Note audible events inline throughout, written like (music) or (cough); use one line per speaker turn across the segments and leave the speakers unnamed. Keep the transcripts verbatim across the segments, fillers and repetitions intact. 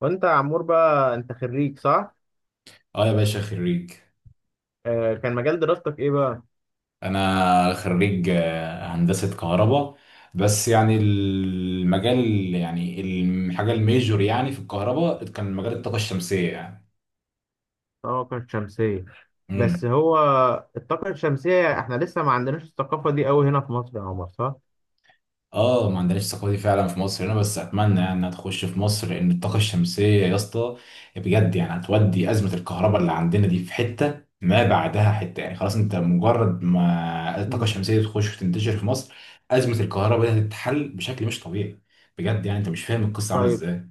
وانت يا عمور بقى انت خريج صح؟
اه يا باشا، خريج.
آه كان مجال دراستك ايه بقى؟
انا خريج آه، هندسة كهرباء. بس يعني المجال، يعني الحاجة الميجور يعني في الكهرباء كان مجال الطاقة الشمسية.
الطاقة الشمسية.
يعني
بس هو الطاقة الشمسية، احنا لسه ما عندناش الثقافة دي قوي هنا في مصر يا عمر، صح؟
اه، ما عندناش الثقافه دي فعلا في مصر هنا، بس اتمنى يعني انها تخش في مصر، لان الطاقه الشمسيه يا اسطى، بجد يعني هتودي ازمه الكهرباء اللي عندنا دي في حته ما بعدها حته. يعني خلاص، انت مجرد ما الطاقه
مم.
الشمسيه تخش وتنتشر في مصر، ازمه الكهرباء دي هتتحل بشكل مش طبيعي. بجد يعني انت مش فاهم القصه عامله
طيب،
ازاي.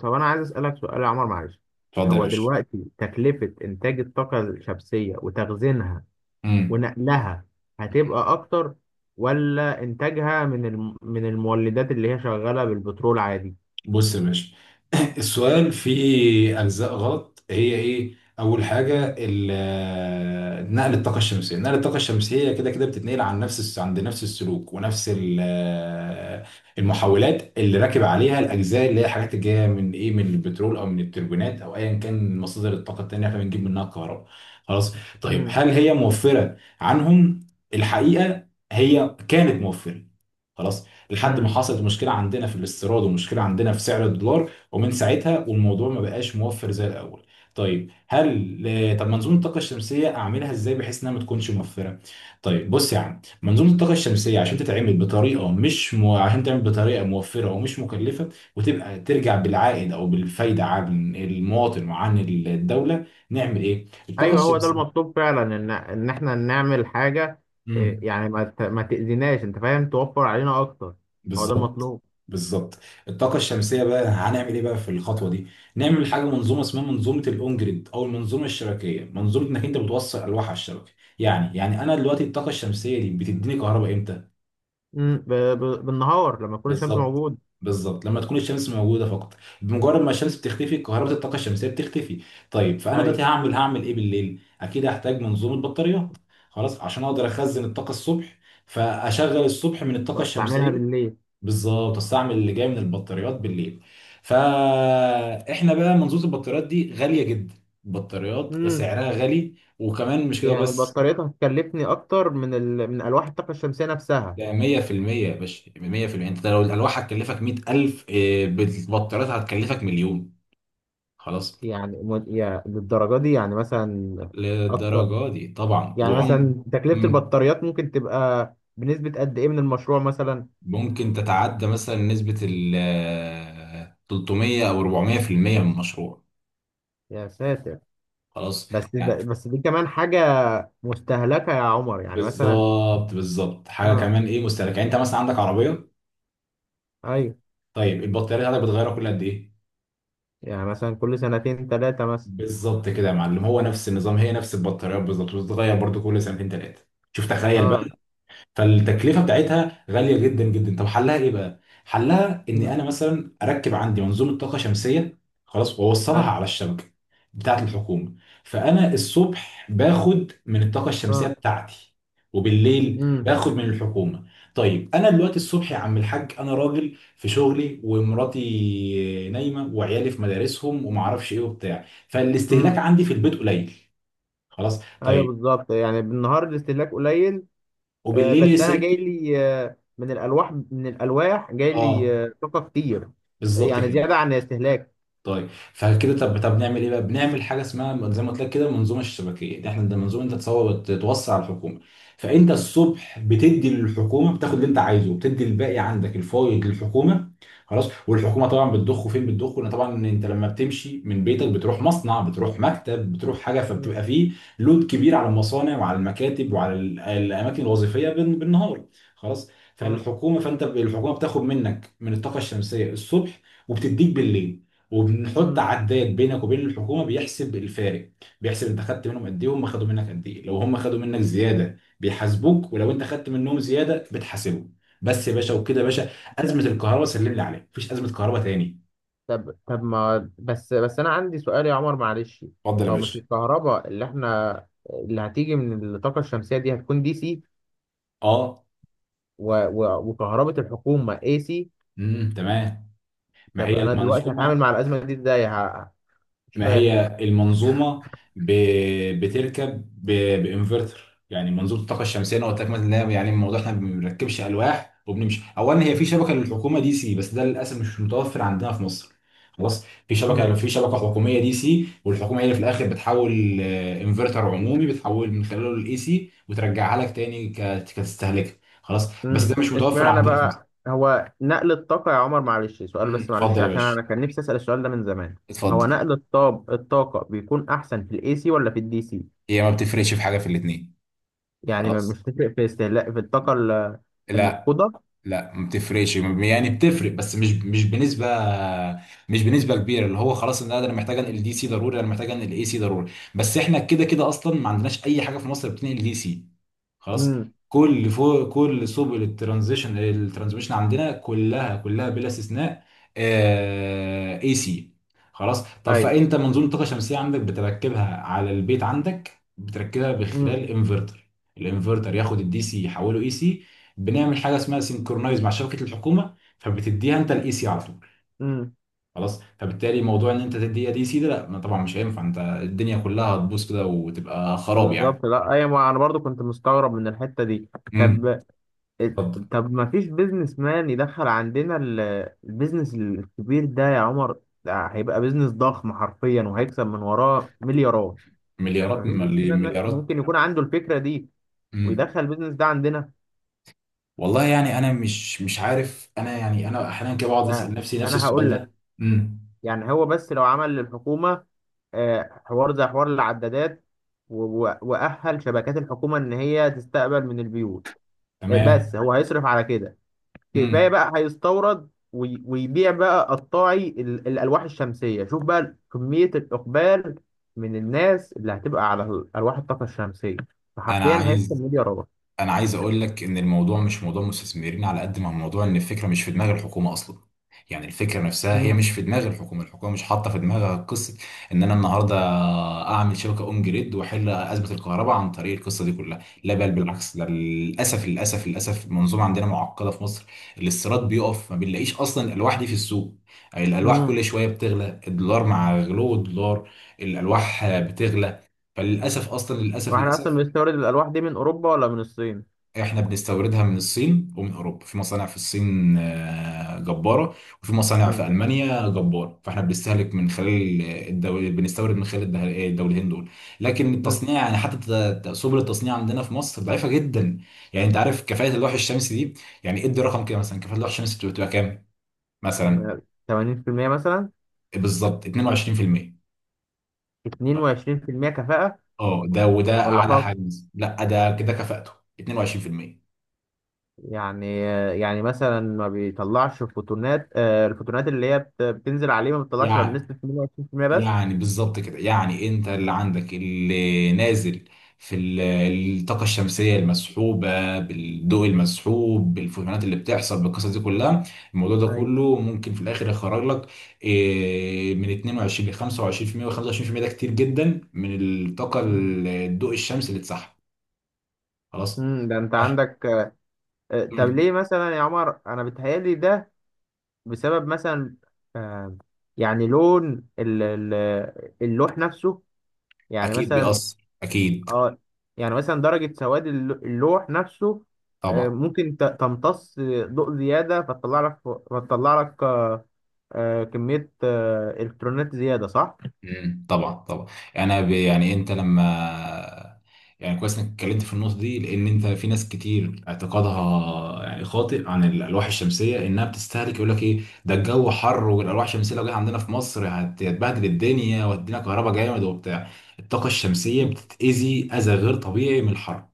طب انا عايز اسألك سؤال يا عمر، معلش.
اتفضل يا
هو
باشا.
دلوقتي تكلفة انتاج الطاقة الشمسية وتخزينها
امم.
ونقلها هتبقى اكتر، ولا انتاجها من الم... من المولدات اللي هي شغالة بالبترول عادي؟
بص يا باشا، (clears throat) السؤال فيه أجزاء غلط، هي إيه؟ أول حاجة
مم.
ال- آه، نقل الطاقة الشمسية، نقل الطاقة الشمسية كده كده بتتنقل عن نفس الس- عند نفس السلوك ونفس ال- آه، المحولات اللي راكب عليها. الأجزاء اللي هي الحاجات اللي جاية من إيه؟ من البترول أو من التربينات أو أيا كان مصادر الطاقة التانية إحنا بنجيب منها الكهرباء. خلاص؟ طيب هل هي موفرة عنهم؟ الحقيقة هي كانت موفرة. خلاص؟ لحد ما
مم.
حصلت مشكله عندنا في الاستيراد ومشكله عندنا في سعر الدولار، ومن ساعتها والموضوع ما بقاش موفر زي الاول. طيب هل، طب منظومه الطاقه الشمسيه اعملها ازاي بحيث انها ما تكونش موفره؟ طيب بص يا عم، منظومه الطاقه الشمسيه عشان تتعمل بطريقه مش م... عشان تعمل بطريقه موفره ومش مكلفه، وتبقى ترجع بالعائد او بالفايده عن المواطن وعن الدوله، نعمل ايه الطاقه
ايوه، هو ده
الشمسيه؟
المطلوب فعلا، ان ان احنا نعمل حاجه.
مم.
إيه، يعني ما ت- ما تاذيناش، انت فاهم، توفر علينا اكتر. هو ده
بالظبط
المطلوب.
بالظبط. الطاقة الشمسية بقى هنعمل ايه بقى في الخطوة دي؟ نعمل حاجة منظومة اسمها منظومة الاون جريد او المنظومة الشبكية، منظومة انك انت بتوصل الواح على الشبكة. يعني يعني انا دلوقتي الطاقة الشمسية دي بتديني كهرباء امتى؟
مم، ب- ب- بالنهار لما تكون الشمس
بالظبط
موجوده.
بالظبط لما تكون الشمس موجودة فقط. بمجرد ما الشمس بتختفي كهرباء الطاقة الشمسية بتختفي. طيب فانا
ايوه،
دلوقتي هعمل هعمل ايه بالليل؟ اكيد هحتاج منظومة بطاريات. خلاص، عشان اقدر اخزن الطاقة الصبح فاشغل الصبح من الطاقة
واستعملها
الشمسية.
بالليل.
بالظبط، استعمل اللي جاي من البطاريات بالليل. فاحنا بقى منظومه البطاريات دي غاليه جدا. البطاريات
امم.
سعرها غالي، وكمان مش كده
يعني
بس،
بطاريتها هتكلفني اكتر من ال... من الواح الطاقه الشمسيه نفسها.
ده مية في المية يا باشا، مية في المية. انت لو الالواح هتكلفك مية الف إيه، بالبطاريات هتكلفك مليون. خلاص.
يعني م... يعني للدرجه دي، يعني مثلا، اكتر.
للدرجه دي طبعا
يعني
وعم.
مثلا تكلفه
مم.
البطاريات ممكن تبقى بنسبه قد ايه من المشروع مثلا؟
ممكن تتعدى مثلا نسبه ال ثلاثمية او اربعمية في المية من المشروع.
يا ساتر.
خلاص
بس
يعني.
ده، بس دي كمان حاجة مستهلكة يا عمر، يعني مثلا.
بالظبط بالظبط. حاجه
اه.
كمان ايه، مستهلك. يعني انت مثلا عندك عربيه،
ايوه،
طيب البطاريه بتاعتك بتغيرها كل قد ايه؟
يعني مثلا كل سنتين ثلاثة مثلا.
بالظبط كده يا معلم، هو نفس النظام، هي نفس البطاريات بالظبط، بتتغير برضو كل سنتين ثلاثه. شوف تخيل بقى.
اه.
فالتكلفه بتاعتها غاليه جدا جدا. طب حلها ايه بقى؟ حلها ان
امم.
انا مثلا اركب عندي منظومه طاقه شمسيه. خلاص، واوصلها
ايوه.
على الشبكه بتاعت الحكومه. فانا الصبح باخد من الطاقه الشمسيه
اه.
بتاعتي، وبالليل
امم.
باخد من الحكومه. طيب انا دلوقتي الصبح يا عم الحاج، انا راجل في شغلي، ومراتي نايمه، وعيالي في مدارسهم، ومعرفش ايه وبتاع، فالاستهلاك
امم.
عندي في البيت قليل. خلاص
ايوه
طيب.
بالظبط، يعني بالنهار الاستهلاك قليل. آه،
وبالليل
بس انا
الاستهلاك
جاي
كبير.
لي آه من الالواح من الالواح جاي لي
اه
آه طاقة كتير.
بالظبط
يعني
كده.
زيادة عن الاستهلاك.
طيب فكده، طب طب نعمل ايه بقى؟ بنعمل حاجه اسمها زي ما قلت لك كده المنظومه الشبكيه دي. احنا ده منظومه انت تصور وت- توصي على الحكومه. فانت الصبح بتدي للحكومه، بتاخد اللي انت عايزه وبتدي الباقي عندك الفايض للحكومه. خلاص. والحكومه طبعا بتضخه فين؟ بتضخه، لأن طبعا انت لما بتمشي من بيتك بتروح مصنع، بتروح مكتب، بتروح حاجه،
امم.
فبتبقى فيه لود كبير على المصانع وعلى المكاتب وعلى ال- الاماكن الوظيفيه بال- بالنهار. خلاص. فالحكومه، فانت الحكومه بتاخد منك من الطاقه الشمسيه الصبح وبتديك بالليل، وبنحط
امم.
عداد بينك وبين الحكومه بيحسب الفارق. بيحسب انت خدت منهم قد ايه وهم خدوا منك قد ايه. لو هم خدوا منك زياده بيحاسبوك، ولو انت خدت منهم زياده بتحاسبهم. بس يا باشا، وكده يا باشا ازمه الكهرباء سلم لي عليها، مفيش ازمه كهرباء تاني.
طب طب، ما بس بس انا عندي سؤال يا عمر، معلش.
اتفضل يا
هو مش
باشا.
الكهرباء اللي احنا اللي هتيجي من الطاقة الشمسية دي هتكون دي سي،
اه.
و... و... وكهرباء الحكومة اي سي؟
امم تمام. ما
طب
هي
انا دلوقتي هتعامل
المنظومه،
مع الأزمة دي ازاي؟ ه... مش
ما
فاهم.
هي المنظومه ب... بتركب ب... بانفرتر. يعني منظومه الطاقه الشمسيه انا قلت لك مثلا إن هي- يعني الموضوع احنا ما بنركبش الواح وبنمشي. اولا هي
مم.
في شبكه للحكومه دي سي، بس ده للاسف مش متوفر عندنا في مصر. خلاص، في شبكه،
مم.
في شبكه حكوميه دي سي، والحكومه هي اللي في الاخر بتحول آه، انفرتر عمومي بتحول من خلاله الاي سي وترجعها لك تاني ك... كتستهلكها. خلاص، بس ده
مم.
مش متوفر
اشمعنى
عندنا في مصر.
بقى هو نقل الطاقة يا عمر؟ معلش سؤال
أمم،
بس، معلش،
اتفضل يا
عشان
باشا،
انا كان نفسي أسأل السؤال ده من زمان. هو
اتفضل.
نقل الطاب الطاقة بيكون احسن في الاي سي ولا في الدي سي؟
هي ما بتفرقش في حاجه في الاثنين.
يعني ما-
خلاص.
مش تفرق في استهلاك في الطاقة ال-
لا.
المفقودة؟
لا ما بتفرقش، يعني بتفرق بس مش مش بنسبه، مش بنسبه كبيره. اللي هو خلاص ان انا محتاج انقل دي سي ضروري، انا محتاج انقل اي سي ضروري، بس احنا كده كده اصلا ما عندناش اي حاجه في مصر بتنقل دي سي. خلاص.
امم.
كل فوق كل سبل الترانزيشن الترانسميشن عندنا كلها كلها بلا استثناء اي سي. خلاص. طب
ايوه.
فانت منظومه طاقه شمسيه عندك بتركبها على البيت، عندك بتركبها
امم.
بخلال انفرتر. الانفرتر ياخد الدي سي يحوله اي سي. بنعمل حاجه اسمها سينكرونايز مع شبكه الحكومه، فبتديها انت الاي سي على طول.
امم.
خلاص. فبالتالي موضوع ان انت تديها دي سي، ده لا، ما طبعا مش هينفع، انت الدنيا كلها هتبوظ كده وتبقى خراب يعني.
بالظبط، لا ايوه، ما انا برضو كنت مستغرب من الحته دي.
امم.
طب
اتفضل.
طب ما فيش بيزنس مان يدخل عندنا ال- البيزنس الكبير ده يا عمر، ده هيبقى بيزنس ضخم حرفيا وهيكسب من وراه مليارات. ما
مليارات م-
فيش بيزنس مان
مليارات.
ممكن يكون عنده الفكره دي
امم.
ويدخل البيزنس ده عندنا؟
والله يعني انا مش مش عارف. انا يعني انا احيانا كده بقعد اسال
ده
نفسي نفس
انا
السؤال
هقول
ده.
لك،
امم.
يعني هو بس لو عمل للحكومه، آه، حوار زي حوار العدادات و- و- واهل شبكات الحكومه ان هي تستقبل من البيوت. بس
تمام.
هو هيصرف على كده، كفايه
امم.
بقى هيستورد وي- ويبيع بقى قطاعي ال- الالواح الشمسيه، شوف بقى كميه الاقبال من الناس اللي هتبقى على ال- الواح الطاقه الشمسيه،
انا
فحرفيا هيكسب
عايز
مليارات.
انا عايز اقول لك ان الموضوع مش موضوع مستثمرين على قد ما هو موضوع ان الفكره مش في دماغ الحكومه اصلا. يعني الفكره نفسها هي
مم.
مش في دماغ الحكومه. الحكومه مش حاطه في دماغها قصه ان انا النهارده اعمل شبكه اون جريد واحل ازمه الكهرباء عن طريق القصه دي كلها. لا بل بالعكس، ده للاسف للاسف للاسف المنظومه عندنا معقده في مصر. الاستيراد بيقف، ما بنلاقيش اصلا الالواح دي في السوق. الالواح
مم.
كل شويه بتغلى، الدولار مع غلو الدولار الالواح بتغلى. فللاسف اصلا، للاسف
واحنا اصلا
للاسف.
بنستورد الالواح دي من اوروبا ولا من الصين؟
احنا بنستوردها من الصين ومن اوروبا. في مصانع في الصين آه، جباره، وفي مصانع في
مم.
المانيا جباره، فاحنا بنستهلك من خلال الدول، بنستورد من خلال الده- الدولتين دول. لكن
مم.
التصنيع يعني حتى ت- ت- سبل التصنيع عندنا في مصر ضعيفه جدا. يعني انت عارف كفاءه اللوح الشمسي دي، يعني ادي رقم كده مثلا، كفاءه اللوح الشمسي بتبقى بتبقى كام مثلا؟
تمانين في المية مثلا؟
بالظبط اتنين وعشرين في المية.
اتنين وعشرين في المية كفاءه؟
اه ده، وده
ولا
اعلى
فرق؟
حاجز، لا ده كده كفاءته اتنين وعشرين في المية.
يعني يعني مثلا ما بيطلعش فوتونات، آه، الفوتونات اللي هي بت- بتنزل عليه ما بتطلعش غير
يعني
بنسبة تمنية وعشرين في المية بس.
يعني بالظبط كده. يعني انت اللي عندك اللي نازل في ال- الطاقة الشمسية المسحوبة بالضوء المسحوب بالفوتونات اللي بتحصل بالقصص دي كلها، الموضوع ده
ايوه.
كله ممكن في الآخر يخرج لك إيه، من اتنين وعشرين ل خمسة وعشرين في المية، و خمسة وعشرين في المئة ده كتير جدا من الطاقة
مم.
ال- الضوء الشمسي اللي اتسحب. خلاص.
امم، ده انت
إح-
عندك. آه، طب
مم.
ليه مثلا يا عمر؟ انا بتهيالي ده بسبب مثلا، آه، يعني لون ال- ال- اللوح نفسه، يعني
أكيد
مثلا.
بيأثر. أكيد
اه، يعني مثلا درجة سواد الل- اللوح نفسه، آه،
طبعا.
ممكن ت- تمتص ضوء زيادة، فتطلع لك فتطلع لك آه، كمية آه، الكترونات زيادة، صح؟
مم، طبعا طبعا. يعني انا ب... يعني انت لما، يعني كويس انك اتكلمت في النقطه دي، لان انت في ناس كتير اعتقادها يعني خاطئ عن الالواح الشمسيه انها بتستهلك. يقول لك ايه، ده الجو حر، والالواح الشمسيه لو جت عندنا في مصر هت- هتبهدل الدنيا وهتدينا كهرباء جامد وبتاع. الطاقه الشمسيه
مم.
بتتاذي اذى غير طبيعي من الحر.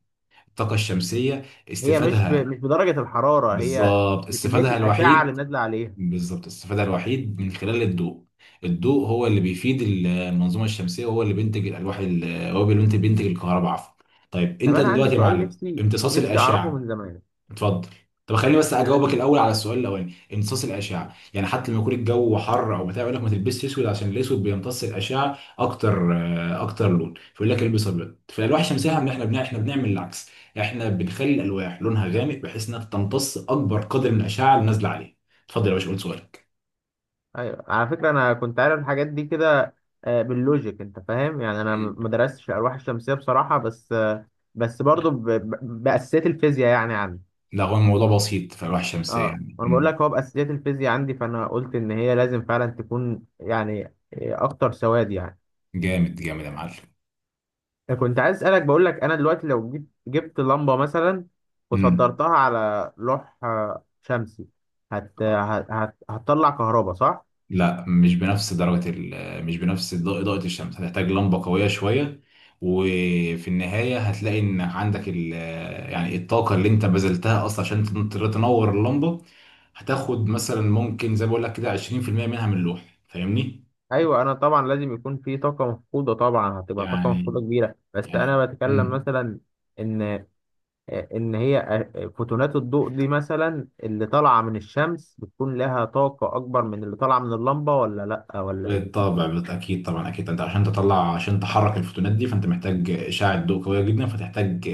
الطاقه الشمسيه
هي مش ب...
استفادها،
مش بدرجة الحرارة، هي
بالظبط
بكمية
استفادها
الأشعة اللي
الوحيد،
نازلة عليها.
بالظبط الاستفادة الوحيد من خلال الضوء. الضوء هو اللي بيفيد ال- المنظومة الشمسية، وهو اللي بينتج الألواح ال- هو اللي بينتج بينتج الكهرباء، عفوا. طيب
طب
أنت
أنا عندي
دلوقتي يا
سؤال،
معلم
نفسي
امتصاص
نفسي أعرفه من
الأشعة،
زمان.
اتفضل. طب خليني بس اجاوبك
أنا.
الاول على السؤال الاولاني. امتصاص الاشعه، يعني حتى لما يكون الجو حر او بتاع يقول لك ما تلبسش اسود عشان الاسود بيمتص الاشعه اكتر، آه، اكتر لون، فيقول لك البس ابيض. فالالواح الشمسيه احنا،
مم.
احنا بنع- احنا بنعمل العكس. احنا بنخلي الالواح لونها غامق بحيث انها تمتص اكبر قدر من الاشعه اللي نازله عليه. اتفضل يا باشا، قول سؤالك.
أيوه، على فكرة أنا كنت عارف الحاجات دي كده، آه، باللوجيك، أنت فاهم، يعني أنا م-
مم.
ما درستش الألواح الشمسية بصراحة، بس آه، بس برضه ب... ب... بأساسيات الفيزياء يعني عندي.
لا هو الموضوع بسيط في الالواح الشمسيه
أه،
يعني.
وأنا بقول
مم.
لك هو بأساسيات الفيزياء عندي، فأنا قلت إن هي لازم فعلا تكون يعني آه، أكتر سواد يعني.
جامد جامد يا معلم.
كنت عايز اسالك، بقول لك انا دلوقتي لو جبت جبت لمبه مثلا
مم.
وصدرتها على لوح آه، شمسي هت... هت... هت... هتطلع كهرباء، صح؟
لا مش بنفس درجة ال- مش بنفس ض- إضاءة الشمس، هتحتاج لمبة قوية شوية. وفي النهاية هتلاقي إن عندك ال، يعني الطاقة اللي أنت بذلتها أصلا عشان تن- تنور اللمبة، هتاخد مثلا ممكن زي ما بقول لك كده عشرين في المئة منها من اللوح، فاهمني؟
ايوه، انا طبعا لازم يكون في طاقه مفقوده، طبعا هتبقى طاقه
يعني
مفقوده كبيره، بس
يعني
انا بتكلم
مم.
مثلا ان ان هي فوتونات الضوء دي مثلا اللي طالعه من الشمس بتكون لها طاقه اكبر من اللي طالعه من اللمبه، ولا لا، ولا ايه؟
بالطبع، بالط- اكيد طبعا. اكيد انت عشان تطلع، عشان تحرك الفوتونات دي فانت محتاج اشعه ضوء قويه جدا، فتحتاج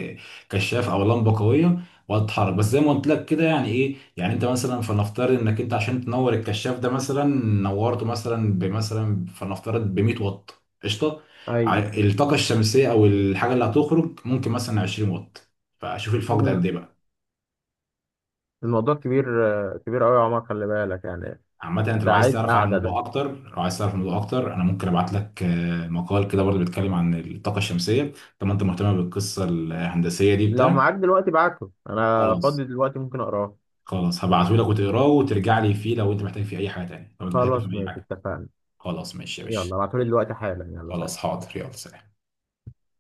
كشاف او لمبه قويه وتتحرك. بس زي ما قلت لك كده، يعني ايه، يعني انت مثلا فلنفترض انك انت عشان تنور الكشاف ده مثلا، نورته مثلا بمثلا فلنفترض ب مائة واط، قشطه. ع-
ايوه.
الطاقه الشمسيه او الحاجه اللي هتخرج ممكن مثلا عشرين واط، فشوف الفرق ده قد
مم.
ايه بقى.
الموضوع كبير، آه، كبير قوي يا عمر، خلي بالك يعني.
عامة انت لو
ده
عايز
عايز
تعرف عن
قعده
الموضوع
ده.
اكتر، لو عايز تعرف الموضوع اكتر، انا ممكن ابعت لك آه، مقال كده برضه بيتكلم عن الطاقة الشمسية. طب ما انت مهتم بالقصة الهندسية دي
لو
بتاع
معاك دلوقتي ابعته، انا
خلاص.
فاضي دلوقتي ممكن اقراه.
خلاص هبعته لك وتقراه وترجع لي فيه لو انت محتاج فيه اي حاجة تانية، لو انت محتاج تفهم
خلاص
اي
ماشي،
حاجة.
اتفقنا.
خلاص ماشي يا باشا.
يلا ابعتولي دلوقتي حالا، يلا
خلاص
سلام.
حاضر، يلا سلام.